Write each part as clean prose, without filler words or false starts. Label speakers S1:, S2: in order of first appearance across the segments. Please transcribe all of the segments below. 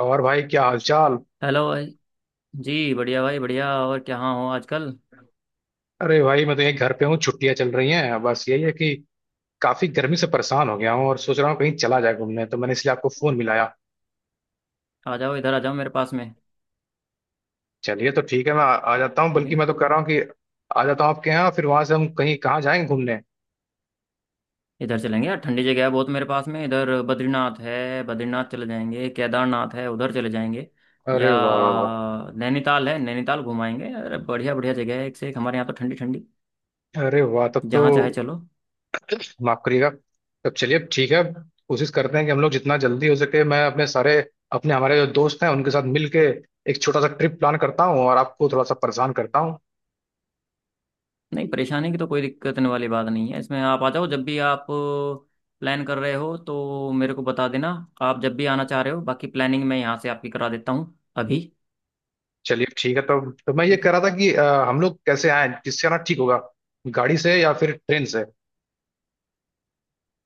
S1: और भाई, क्या हालचाल?
S2: हेलो भाई। जी बढ़िया भाई बढ़िया। और क्या हाँ हो आजकल?
S1: अरे भाई, मैं तो यही घर पे हूँ। छुट्टियां चल रही हैं। बस यही है कि काफी गर्मी से परेशान हो गया हूँ और सोच रहा हूँ कहीं चला जाए घूमने, तो मैंने इसलिए आपको फोन मिलाया।
S2: आ जाओ, इधर आ जाओ मेरे पास में।
S1: चलिए, तो ठीक है, मैं आ जाता हूँ।
S2: ठीक है
S1: बल्कि
S2: ना?
S1: मैं तो कह रहा हूँ कि आ जाता हूँ आपके यहाँ, फिर वहां से हम कहीं कहाँ जाएंगे घूमने।
S2: इधर चलेंगे यार, ठंडी जगह है बहुत मेरे पास में। इधर बद्रीनाथ है, बद्रीनाथ चले जाएंगे। केदारनाथ है, उधर चले जाएंगे। या
S1: अरे वाह वाह वाह।
S2: नैनीताल है, नैनीताल घुमाएंगे। अरे बढ़िया बढ़िया जगह है एक से एक हमारे यहाँ तो, ठंडी ठंडी।
S1: अरे वाह, तब तो।
S2: जहाँ चाहे चलो।
S1: माफ करिएगा। तब चलिए ठीक है। कोशिश करते हैं कि हम लोग जितना जल्दी हो सके, मैं अपने सारे अपने हमारे जो दोस्त हैं उनके साथ मिल के एक छोटा सा ट्रिप प्लान करता हूँ और आपको थोड़ा सा परेशान करता हूँ।
S2: नहीं, परेशानी की तो कोई दिक्कत होने वाली बात नहीं है इसमें। आप आ जाओ जब भी आप प्लान कर रहे हो तो मेरे को बता देना। आप जब भी आना चाह रहे हो बाकी प्लानिंग मैं यहाँ से आपकी करा देता हूँ अभी।
S1: चलिए ठीक है। तो मैं ये
S2: ठीक
S1: कह
S2: है।
S1: रहा था कि हम लोग कैसे आए, किससे आना ठीक होगा? गाड़ी से या फिर ट्रेन से?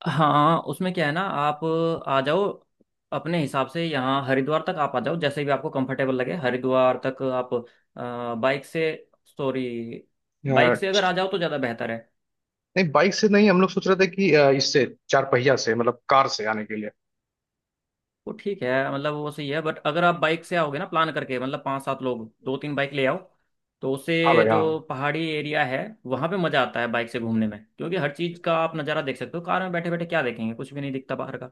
S2: हाँ, उसमें क्या है ना, आप आ जाओ अपने हिसाब से। यहाँ हरिद्वार तक आप आ जाओ जैसे भी आपको कंफर्टेबल लगे, हरिद्वार तक आप बाइक से। सॉरी,
S1: अ,
S2: बाइक से अगर आ जाओ तो ज़्यादा बेहतर है।
S1: नहीं, बाइक से नहीं, हम लोग सोच रहे थे कि इससे चार पहिया से मतलब कार से आने के लिए।
S2: वो ठीक है, मतलब वो सही है बट अगर आप बाइक से आओगे ना, प्लान करके, मतलब पाँच सात लोग दो तीन बाइक ले आओ तो उससे
S1: हाँ भाई,
S2: जो
S1: हाँ।
S2: पहाड़ी एरिया है वहाँ पे मज़ा आता है बाइक से घूमने में, क्योंकि हर चीज़ का आप नज़ारा देख सकते हो। कार में बैठे बैठे क्या देखेंगे, कुछ भी नहीं दिखता बाहर का।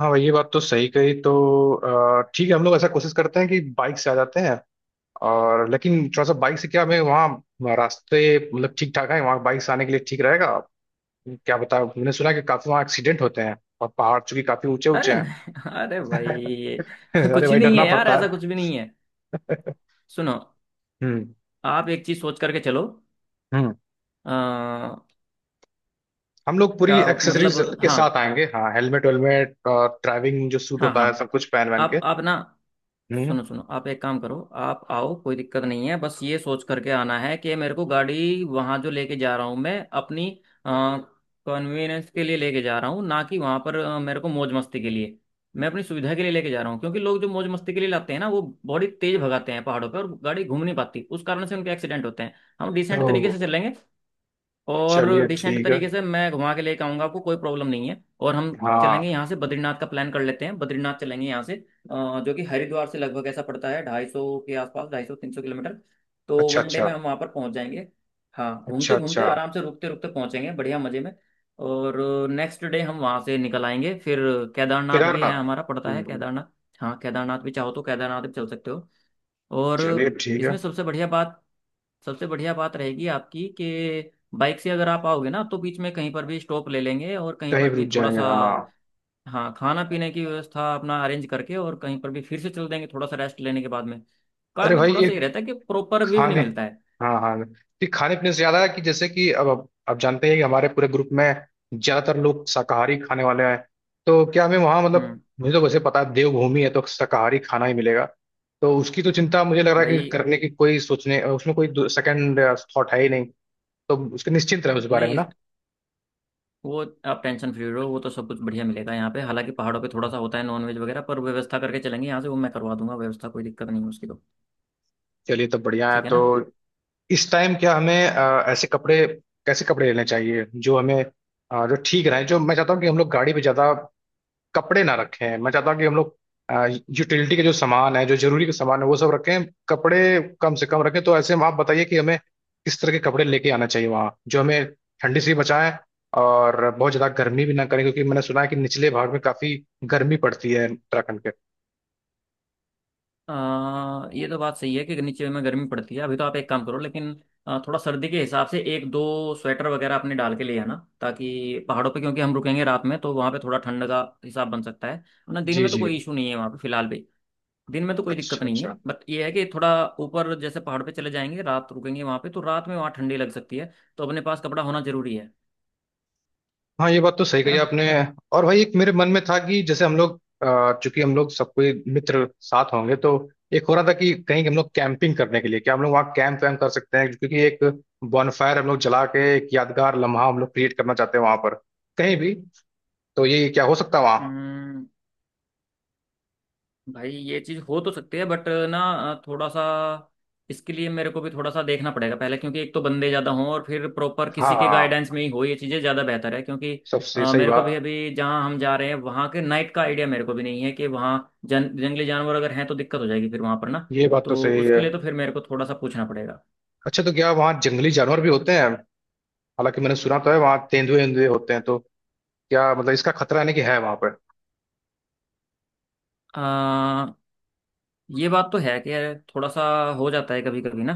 S1: हाँ भाई, ये बात तो सही कही। तो ठीक है, हम लोग ऐसा कोशिश करते हैं कि बाइक से आ जाते हैं। और लेकिन थोड़ा सा बाइक से क्या हमें वहाँ रास्ते मतलब ठीक ठाक है? वहाँ बाइक से आने के लिए ठीक रहेगा? क्या बता, मैंने सुना है कि काफी वहाँ एक्सीडेंट होते हैं, और पहाड़ चूंकि काफी ऊंचे ऊंचे
S2: अरे
S1: हैं।
S2: नहीं अरे भाई, ये
S1: अरे
S2: कुछ
S1: भाई,
S2: नहीं
S1: डरना
S2: है यार,
S1: पड़ता
S2: ऐसा कुछ भी नहीं है।
S1: है।
S2: सुनो,
S1: हम्म।
S2: आप एक चीज सोच करके चलो।
S1: हम्म।
S2: आ,
S1: हम लोग
S2: क्या
S1: पूरी एक्सेसरीज
S2: मतलब,
S1: के
S2: हाँ
S1: साथ आएंगे, हाँ, हेलमेट वेलमेट और ड्राइविंग जो सूट
S2: हाँ
S1: होता
S2: हाँ,
S1: है सब कुछ पहन वहन
S2: आप
S1: के।
S2: आप ना,
S1: हम्म।
S2: सुनो सुनो, आप एक काम करो। आप आओ, कोई दिक्कत नहीं है। बस ये सोच करके आना है कि मेरे को गाड़ी वहाँ जो लेके जा रहा हूँ, मैं अपनी कन्वीनियंस के लिए लेके जा रहा हूँ, ना कि वहाँ पर मेरे को मौज मस्ती के लिए। मैं अपनी सुविधा के लिए लेके जा रहा हूँ, क्योंकि लोग जो मौज मस्ती के लिए लाते हैं ना, वो बड़ी तेज भगाते हैं पहाड़ों पर और गाड़ी घूम नहीं पाती, उस कारण से उनके एक्सीडेंट होते हैं। हम डिसेंट तरीके
S1: तो
S2: से चलेंगे और
S1: चलिए
S2: डिसेंट
S1: ठीक है।
S2: तरीके से मैं घुमा के लेके आऊंगा आपको, कोई प्रॉब्लम नहीं है। और हम
S1: हाँ।
S2: चलेंगे यहाँ से। बद्रीनाथ का प्लान कर लेते हैं, बद्रीनाथ चलेंगे यहाँ से, जो कि हरिद्वार से लगभग ऐसा पड़ता है 250 के आसपास, 250-300 किलोमीटर। तो
S1: अच्छा
S2: वन डे
S1: अच्छा।
S2: में हम वहाँ पर पहुँच जाएंगे। हाँ,
S1: अच्छा
S2: घूमते घूमते
S1: अच्छा।
S2: आराम से रुकते रुकते पहुँचेंगे बढ़िया मज़े में। और नेक्स्ट डे हम वहाँ से निकल आएंगे। फिर केदारनाथ भी है
S1: केदारनाथ।
S2: हमारा, पड़ता है
S1: हम्म।
S2: केदारनाथ। हाँ, केदारनाथ भी चाहो तो केदारनाथ भी चल सकते हो। और
S1: चलिए ठीक
S2: इसमें
S1: है।
S2: सबसे बढ़िया बात रहेगी आपकी कि बाइक से अगर आप आओगे ना, तो बीच में कहीं पर भी स्टॉप ले लेंगे और कहीं
S1: कहीं
S2: पर
S1: भी
S2: भी
S1: रुक
S2: थोड़ा
S1: जाएंगे,
S2: सा,
S1: हाँ।
S2: हाँ, खाना पीने की व्यवस्था अपना अरेंज करके और कहीं पर भी फिर से चल देंगे थोड़ा सा रेस्ट लेने के बाद में। कार
S1: अरे
S2: में
S1: भाई,
S2: थोड़ा सा ये
S1: एक
S2: रहता है कि प्रॉपर व्यू नहीं
S1: खाने,
S2: मिलता है।
S1: हाँ हाँ, कि खाने पीने से ज्यादा, कि जैसे कि अब आप जानते हैं कि हमारे पूरे ग्रुप में ज्यादातर लोग शाकाहारी खाने वाले हैं। तो क्या हमें वहाँ, मतलब
S2: हम्म
S1: मुझे तो वैसे पता है, देवभूमि है तो शाकाहारी खाना ही मिलेगा। तो उसकी तो चिंता, मुझे लग रहा है कि
S2: भाई,
S1: करने की कोई सोचने उसमें कोई सेकंड थॉट है ही नहीं। तो उसके निश्चिंत रहे उस बारे
S2: नहीं,
S1: में, ना?
S2: वो आप टेंशन फ्री रहो, वो तो सब कुछ बढ़िया मिलेगा यहाँ पे। हालांकि पहाड़ों पे थोड़ा सा होता है नॉनवेज वगैरह पर, व्यवस्था करके चलेंगे यहाँ से, वो मैं करवा दूंगा व्यवस्था, कोई दिक्कत नहीं है उसकी तो।
S1: चलिए, तो बढ़िया है।
S2: ठीक है
S1: तो
S2: ना?
S1: इस टाइम क्या हमें ऐसे कपड़े, कैसे कपड़े लेने चाहिए जो हमें जो ठीक रहे? जो मैं चाहता हूँ कि हम लोग गाड़ी पे ज्यादा कपड़े ना रखें। मैं चाहता हूँ कि हम लोग यूटिलिटी के जो सामान है, जो जरूरी के सामान है, वो सब रखें, कपड़े कम से कम रखें। तो ऐसे में आप बताइए कि हमें किस तरह के कपड़े लेके आना चाहिए वहाँ, जो हमें ठंडी से भी बचाएं और बहुत ज़्यादा गर्मी भी ना करें, क्योंकि मैंने सुना है कि निचले भाग में काफ़ी गर्मी पड़ती है उत्तराखंड के।
S2: ये तो बात सही है कि नीचे में गर्मी पड़ती है। अभी तो आप एक काम करो, लेकिन थोड़ा सर्दी के हिसाब से एक दो स्वेटर वगैरह अपने डाल के ले आना, ताकि पहाड़ों पे क्योंकि हम रुकेंगे रात में तो वहाँ पे थोड़ा ठंड का हिसाब बन सकता है। वरना दिन
S1: जी
S2: में तो
S1: जी।
S2: कोई इशू नहीं है वहाँ पे फिलहाल भी। दिन में तो कोई दिक्कत
S1: अच्छा
S2: नहीं है,
S1: अच्छा।
S2: बट ये है कि थोड़ा ऊपर जैसे पहाड़ पे चले जाएंगे, रात रुकेंगे वहाँ पे, तो रात में वहाँ ठंडी लग सकती है तो अपने पास कपड़ा होना जरूरी है
S1: हाँ, ये बात तो सही
S2: है
S1: कही
S2: ना?
S1: आपने। और भाई, एक मेरे मन में था कि जैसे हम लोग चूंकि हम लोग सब कोई मित्र साथ होंगे, तो एक हो रहा था कि कहीं हम लोग कैंपिंग करने के लिए, क्या हम लोग वहाँ कैंप वैम्प कर सकते हैं? क्योंकि एक बॉनफायर हम लोग जला के एक यादगार लम्हा हम लोग क्रिएट करना चाहते हैं वहां पर, कहीं भी। तो ये क्या हो सकता है वहाँ?
S2: हम्म, भाई, ये चीज हो तो सकती है बट ना, थोड़ा सा इसके लिए मेरे को भी थोड़ा सा देखना पड़ेगा पहले, क्योंकि एक तो बंदे ज्यादा हों और फिर प्रॉपर
S1: हाँ
S2: किसी के गाइडेंस
S1: हाँ,
S2: में ही हो ये चीजें ज्यादा बेहतर है। क्योंकि
S1: सबसे सही
S2: मेरे को भी
S1: बात।
S2: अभी जहाँ हम जा रहे हैं वहाँ के नाइट का आइडिया मेरे को भी नहीं है कि वहाँ जन जंगली जानवर अगर हैं तो दिक्कत हो जाएगी फिर वहाँ पर ना।
S1: ये बात तो
S2: तो
S1: सही है।
S2: उसके लिए तो फिर मेरे को थोड़ा सा पूछना पड़ेगा।
S1: अच्छा, तो क्या वहाँ जंगली जानवर भी होते हैं? हालांकि मैंने सुना तो है वहाँ तेंदुए तेंदुए होते हैं, तो क्या मतलब इसका खतरा यानी कि है वहां पर?
S2: अ, ये बात तो है कि थोड़ा सा हो जाता है कभी कभी ना।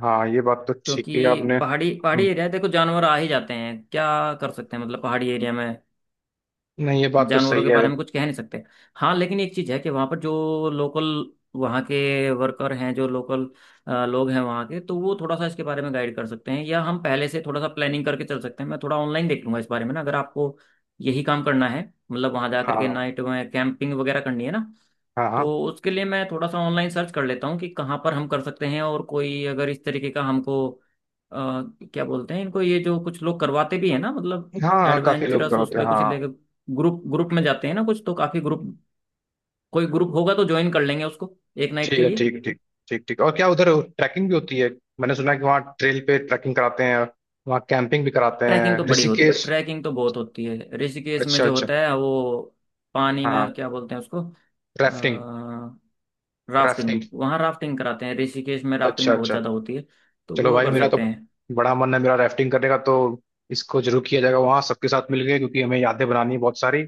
S1: हाँ, ये बात तो ठीक है
S2: क्योंकि
S1: आपने।
S2: पहाड़ी पहाड़ी
S1: हम्म।
S2: एरिया है, देखो जानवर आ ही जाते हैं, क्या कर सकते हैं, मतलब पहाड़ी एरिया में
S1: नहीं, ये बात तो
S2: जानवरों
S1: सही
S2: के
S1: है।
S2: बारे में कुछ कह नहीं सकते। हाँ, लेकिन एक चीज़ है कि वहाँ पर जो लोकल, वहाँ के वर्कर हैं, जो लोकल लोग हैं वहाँ के, तो वो थोड़ा सा इसके बारे में गाइड कर सकते हैं या हम पहले से थोड़ा सा प्लानिंग करके चल सकते हैं। मैं थोड़ा ऑनलाइन देख लूंगा इस बारे में ना, अगर आपको यही काम करना है, मतलब वहाँ जा करके
S1: हाँ
S2: नाइट में कैंपिंग वगैरह करनी है ना,
S1: हाँ। हाँ
S2: तो उसके लिए मैं थोड़ा सा ऑनलाइन सर्च कर लेता हूँ कि कहाँ पर हम कर सकते हैं और कोई अगर इस तरीके का हमको, अ, क्या बोलते हैं इनको, ये जो कुछ लोग करवाते भी हैं ना, मतलब
S1: हाँ। हाँ, काफी लोग तो
S2: एडवेंचरस उस
S1: होते हैं,
S2: पर कुछ
S1: हाँ।
S2: लेके, ग्रुप ग्रुप में जाते हैं ना कुछ, तो काफी ग्रुप, कोई ग्रुप होगा तो ज्वाइन कर लेंगे उसको एक नाइट
S1: ठीक
S2: के
S1: है,
S2: लिए।
S1: ठीक ठीक। ठीक ठीक। और क्या उधर ट्रैकिंग भी होती है? मैंने सुना है कि वहाँ ट्रेल पे ट्रैकिंग कराते हैं, वहाँ कैंपिंग भी कराते
S2: ट्रैकिंग
S1: हैं,
S2: तो बड़ी होती है,
S1: ऋषिकेश।
S2: ट्रैकिंग तो बहुत होती है ऋषिकेश में।
S1: अच्छा
S2: जो
S1: अच्छा।
S2: होता है वो पानी
S1: हाँ।
S2: में क्या बोलते हैं उसको,
S1: राफ्टिंग।
S2: Rafting,
S1: rafting.
S2: वहाँ राफ्टिंग कराते हैं ऋषिकेश में,
S1: अच्छा
S2: राफ्टिंग बहुत
S1: अच्छा।
S2: ज्यादा होती है, तो
S1: चलो
S2: वो
S1: भाई,
S2: कर
S1: मेरा तो
S2: सकते हैं।
S1: बड़ा मन है, मेरा राफ्टिंग करने का। तो इसको जरूर किया जाएगा वहाँ सबके साथ मिल गए, क्योंकि हमें यादें बनानी है बहुत सारी।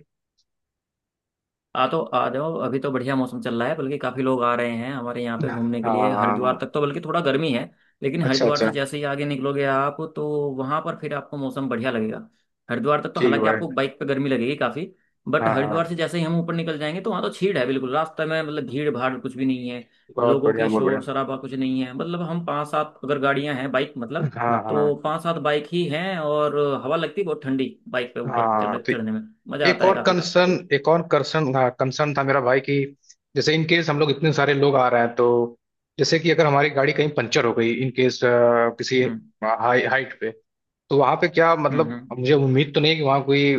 S2: आ तो आ जाओ, अभी तो बढ़िया मौसम चल रहा है, बल्कि काफी लोग आ रहे हैं हमारे यहाँ पे
S1: हाँ
S2: घूमने के
S1: हाँ,
S2: लिए।
S1: हाँ।
S2: हरिद्वार
S1: हाँ।
S2: तक तो बल्कि थोड़ा गर्मी है, लेकिन
S1: अच्छा
S2: हरिद्वार
S1: अच्छा।
S2: से जैसे ही आगे निकलोगे आप तो वहां पर फिर आपको मौसम बढ़िया लगेगा। हरिद्वार तक तो
S1: ठीक है
S2: हालांकि आपको
S1: भाई।
S2: बाइक पे गर्मी लगेगी काफी, बट
S1: हाँ हाँ।
S2: हरिद्वार से जैसे ही हम ऊपर निकल जाएंगे तो वहां तो छीड़ है बिल्कुल रास्ते में, मतलब भीड़ भाड़ कुछ भी नहीं है।
S1: बहुत
S2: लोगों
S1: बढ़िया,
S2: की
S1: बहुत बढ़िया।
S2: शोर शराबा कुछ नहीं है, मतलब हम पांच सात अगर गाड़ियां हैं बाइक, मतलब
S1: हाँ हाँ।
S2: तो पांच सात बाइक ही हैं, और हवा लगती है बहुत ठंडी बाइक पे ऊपर
S1: हाँ। तो
S2: चढ़ने में मजा
S1: एक
S2: आता है
S1: और
S2: काफी।
S1: कंसर्न एक और कंसर्न हाँ, कंसर्न था मेरा भाई कि जैसे इन केस हम लोग इतने सारे लोग आ रहे हैं, तो जैसे कि अगर हमारी गाड़ी कहीं पंचर हो गई इन केस किसी
S2: हम्म।
S1: हाई हाइट पे, तो वहां पे क्या
S2: हम्म।
S1: मतलब,
S2: हम्म।
S1: मुझे उम्मीद तो नहीं है कि वहां कोई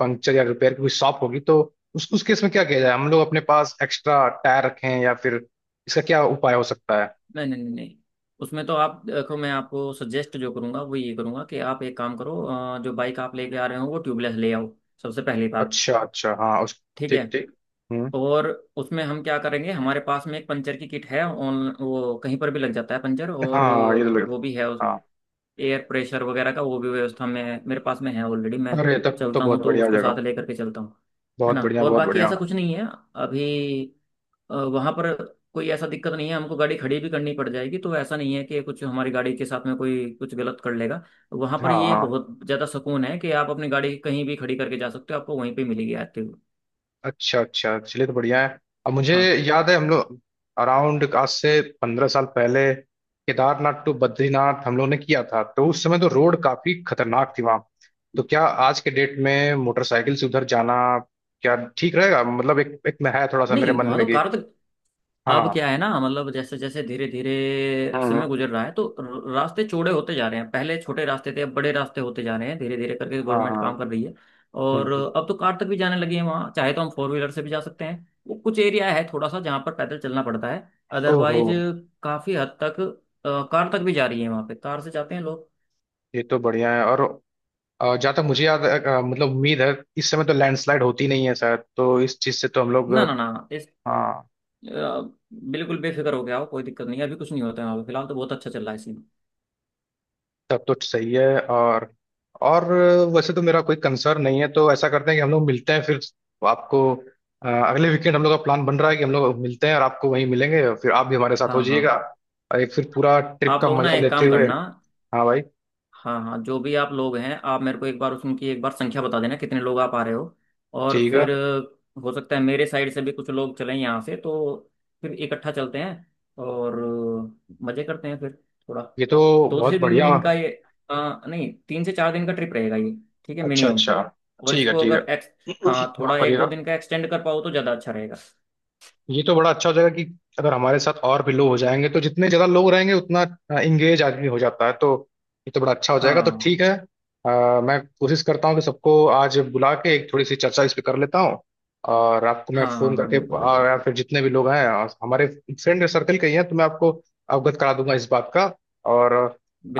S1: पंक्चर या रिपेयर की कोई शॉप होगी। तो उस केस में क्या किया जाए? हम लोग अपने पास एक्स्ट्रा टायर रखें या फिर इसका क्या उपाय हो सकता है?
S2: नहीं नहीं नहीं नहीं, उसमें तो आप देखो, मैं आपको सजेस्ट जो करूंगा वो ये करूंगा कि आप एक काम करो, जो बाइक आप लेके आ रहे हो वो ट्यूबलेस ले आओ, सबसे पहली बात।
S1: अच्छा अच्छा, हाँ उस।
S2: ठीक है।
S1: ठीक ठीक। हम्म।
S2: और उसमें हम क्या करेंगे, हमारे पास में एक पंचर की किट है ऑन, वो कहीं पर भी लग जाता है पंचर, और
S1: हाँ, ये तो लग।
S2: वो भी है उस
S1: हाँ।
S2: एयर प्रेशर वगैरह का, वो भी व्यवस्था में मेरे पास में है ऑलरेडी। मैं
S1: अरे तब तो
S2: चलता
S1: बहुत
S2: हूँ तो
S1: बढ़िया
S2: उसको
S1: जगह।
S2: साथ लेकर के चलता हूँ, है
S1: बहुत
S2: ना?
S1: बढ़िया,
S2: और
S1: बहुत
S2: बाकी
S1: बढ़िया।
S2: ऐसा कुछ नहीं है अभी वहां पर, कोई ऐसा दिक्कत नहीं है। हमको गाड़ी खड़ी भी करनी पड़ जाएगी तो ऐसा नहीं है कि कुछ हमारी गाड़ी के साथ में कोई कुछ गलत कर लेगा वहां पर।
S1: हाँ
S2: ये
S1: हाँ।
S2: बहुत ज्यादा सुकून है कि आप अपनी गाड़ी कहीं भी खड़ी करके जा सकते हो, आपको वहीं पे मिलेगी आते हुए।
S1: अच्छा अच्छा, चलिए तो बढ़िया है। अब मुझे
S2: हाँ।
S1: याद है हम लोग अराउंड आज से 15 साल पहले केदारनाथ टू बद्रीनाथ हम लोग ने किया था, तो उस समय तो रोड काफी खतरनाक थी वहां। तो क्या आज के डेट में मोटरसाइकिल से उधर जाना क्या ठीक रहेगा? मतलब एक एक में है थोड़ा सा मेरे
S2: नहीं
S1: मन
S2: वहां
S1: में
S2: तो
S1: कि,
S2: कार तो, अब
S1: हाँ।
S2: क्या है ना, मतलब जैसे जैसे धीरे धीरे समय
S1: हम्म।
S2: गुजर रहा है तो रास्ते चौड़े होते जा रहे हैं, पहले छोटे रास्ते थे, अब बड़े रास्ते होते जा रहे हैं, धीरे धीरे करके
S1: हाँ
S2: गवर्नमेंट
S1: हाँ।
S2: काम कर रही है। और
S1: हम्म।
S2: अब तो कार तक भी जाने लगी है वहाँ, चाहे तो हम फोर व्हीलर से भी जा सकते हैं। वो कुछ एरिया है थोड़ा सा जहाँ पर पैदल चलना पड़ता है,
S1: ओहो।
S2: अदरवाइज काफी हद तक कार तक भी जा रही है वहाँ पे, कार से जाते हैं लोग।
S1: ये तो बढ़िया है। और जहाँ तक मुझे याद है, मतलब उम्मीद है इस समय तो लैंडस्लाइड होती नहीं है शायद, तो इस चीज़ से तो हम लोग।
S2: ना ना ना,
S1: हाँ।
S2: अ, बिल्कुल बेफिक्र हो गया हो, कोई दिक्कत नहीं है अभी कुछ नहीं होता है वहाँ पे फिलहाल, तो बहुत अच्छा चल रहा है सीन।
S1: तब तो सही है। और वैसे तो मेरा कोई कंसर्न नहीं है। तो ऐसा करते हैं कि हम लोग मिलते हैं फिर। आपको अगले वीकेंड हम लोग का प्लान बन रहा है कि हम लोग मिलते हैं और आपको वहीं मिलेंगे और फिर आप भी हमारे साथ हो
S2: हाँ
S1: जाइएगा
S2: हाँ।
S1: और एक फिर पूरा ट्रिप
S2: आप
S1: का
S2: लोग ना
S1: मजा
S2: एक
S1: लेते
S2: काम
S1: हुए,
S2: करना,
S1: हाँ भाई।
S2: हाँ हाँ, जो भी आप लोग हैं आप मेरे को एक बार उनकी एक बार संख्या बता देना कितने लोग आप आ रहे हो, और
S1: ठीक है।
S2: फिर हो सकता है मेरे साइड से भी कुछ लोग चलें यहाँ से तो फिर इकट्ठा चलते हैं और मजे करते हैं फिर। थोड़ा
S1: ये तो
S2: दो
S1: बहुत
S2: से तीन
S1: बढ़िया।
S2: दिन का ये, नहीं, 3 से 4 दिन का ट्रिप रहेगा ये, ठीक है,
S1: अच्छा
S2: मिनिमम।
S1: अच्छा।
S2: और
S1: ठीक है,
S2: इसको
S1: ठीक
S2: अगर
S1: है।
S2: एक्स हाँ,
S1: माफ
S2: थोड़ा एक दो
S1: करिएगा।
S2: दिन का एक्सटेंड कर पाओ तो ज़्यादा अच्छा रहेगा।
S1: ये तो बड़ा अच्छा हो जाएगा कि अगर हमारे साथ और भी लोग हो जाएंगे, तो जितने ज्यादा लोग रहेंगे उतना इंगेज आदमी हो जाता है। तो ये तो बड़ा अच्छा हो जाएगा, तो
S2: हाँ
S1: ठीक है। मैं कोशिश करता हूँ कि सबको आज बुला के एक थोड़ी सी चर्चा इस पे कर लेता हूँ और आपको मैं
S2: हाँ
S1: फोन
S2: हाँ हाँ,
S1: करके
S2: बिल्कुल
S1: और
S2: बिल्कुल
S1: या फिर जितने भी लोग हैं और हमारे फ्रेंड सर्कल के ही हैं तो मैं आपको अवगत करा दूंगा इस बात का। और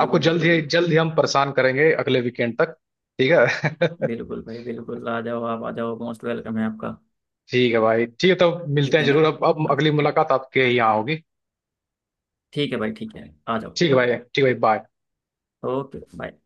S1: आपको
S2: बिल्कुल बिल्कुल,
S1: जल्द ही हम परेशान करेंगे अगले वीकेंड तक। ठीक है।
S2: बिल्कुल भाई, बिल्कुल आ जाओ, आप आ जाओ, मोस्ट वेलकम है आपका।
S1: ठीक है भाई, ठीक है। तब मिलते
S2: ठीक
S1: हैं
S2: है ना?
S1: जरूर। अब
S2: हाँ।
S1: अगली मुलाकात आपके यहाँ होगी।
S2: ठीक है भाई, ठीक है, आ जाओ।
S1: ठीक है भाई, ठीक है भाई, बाय।
S2: Okay, bye.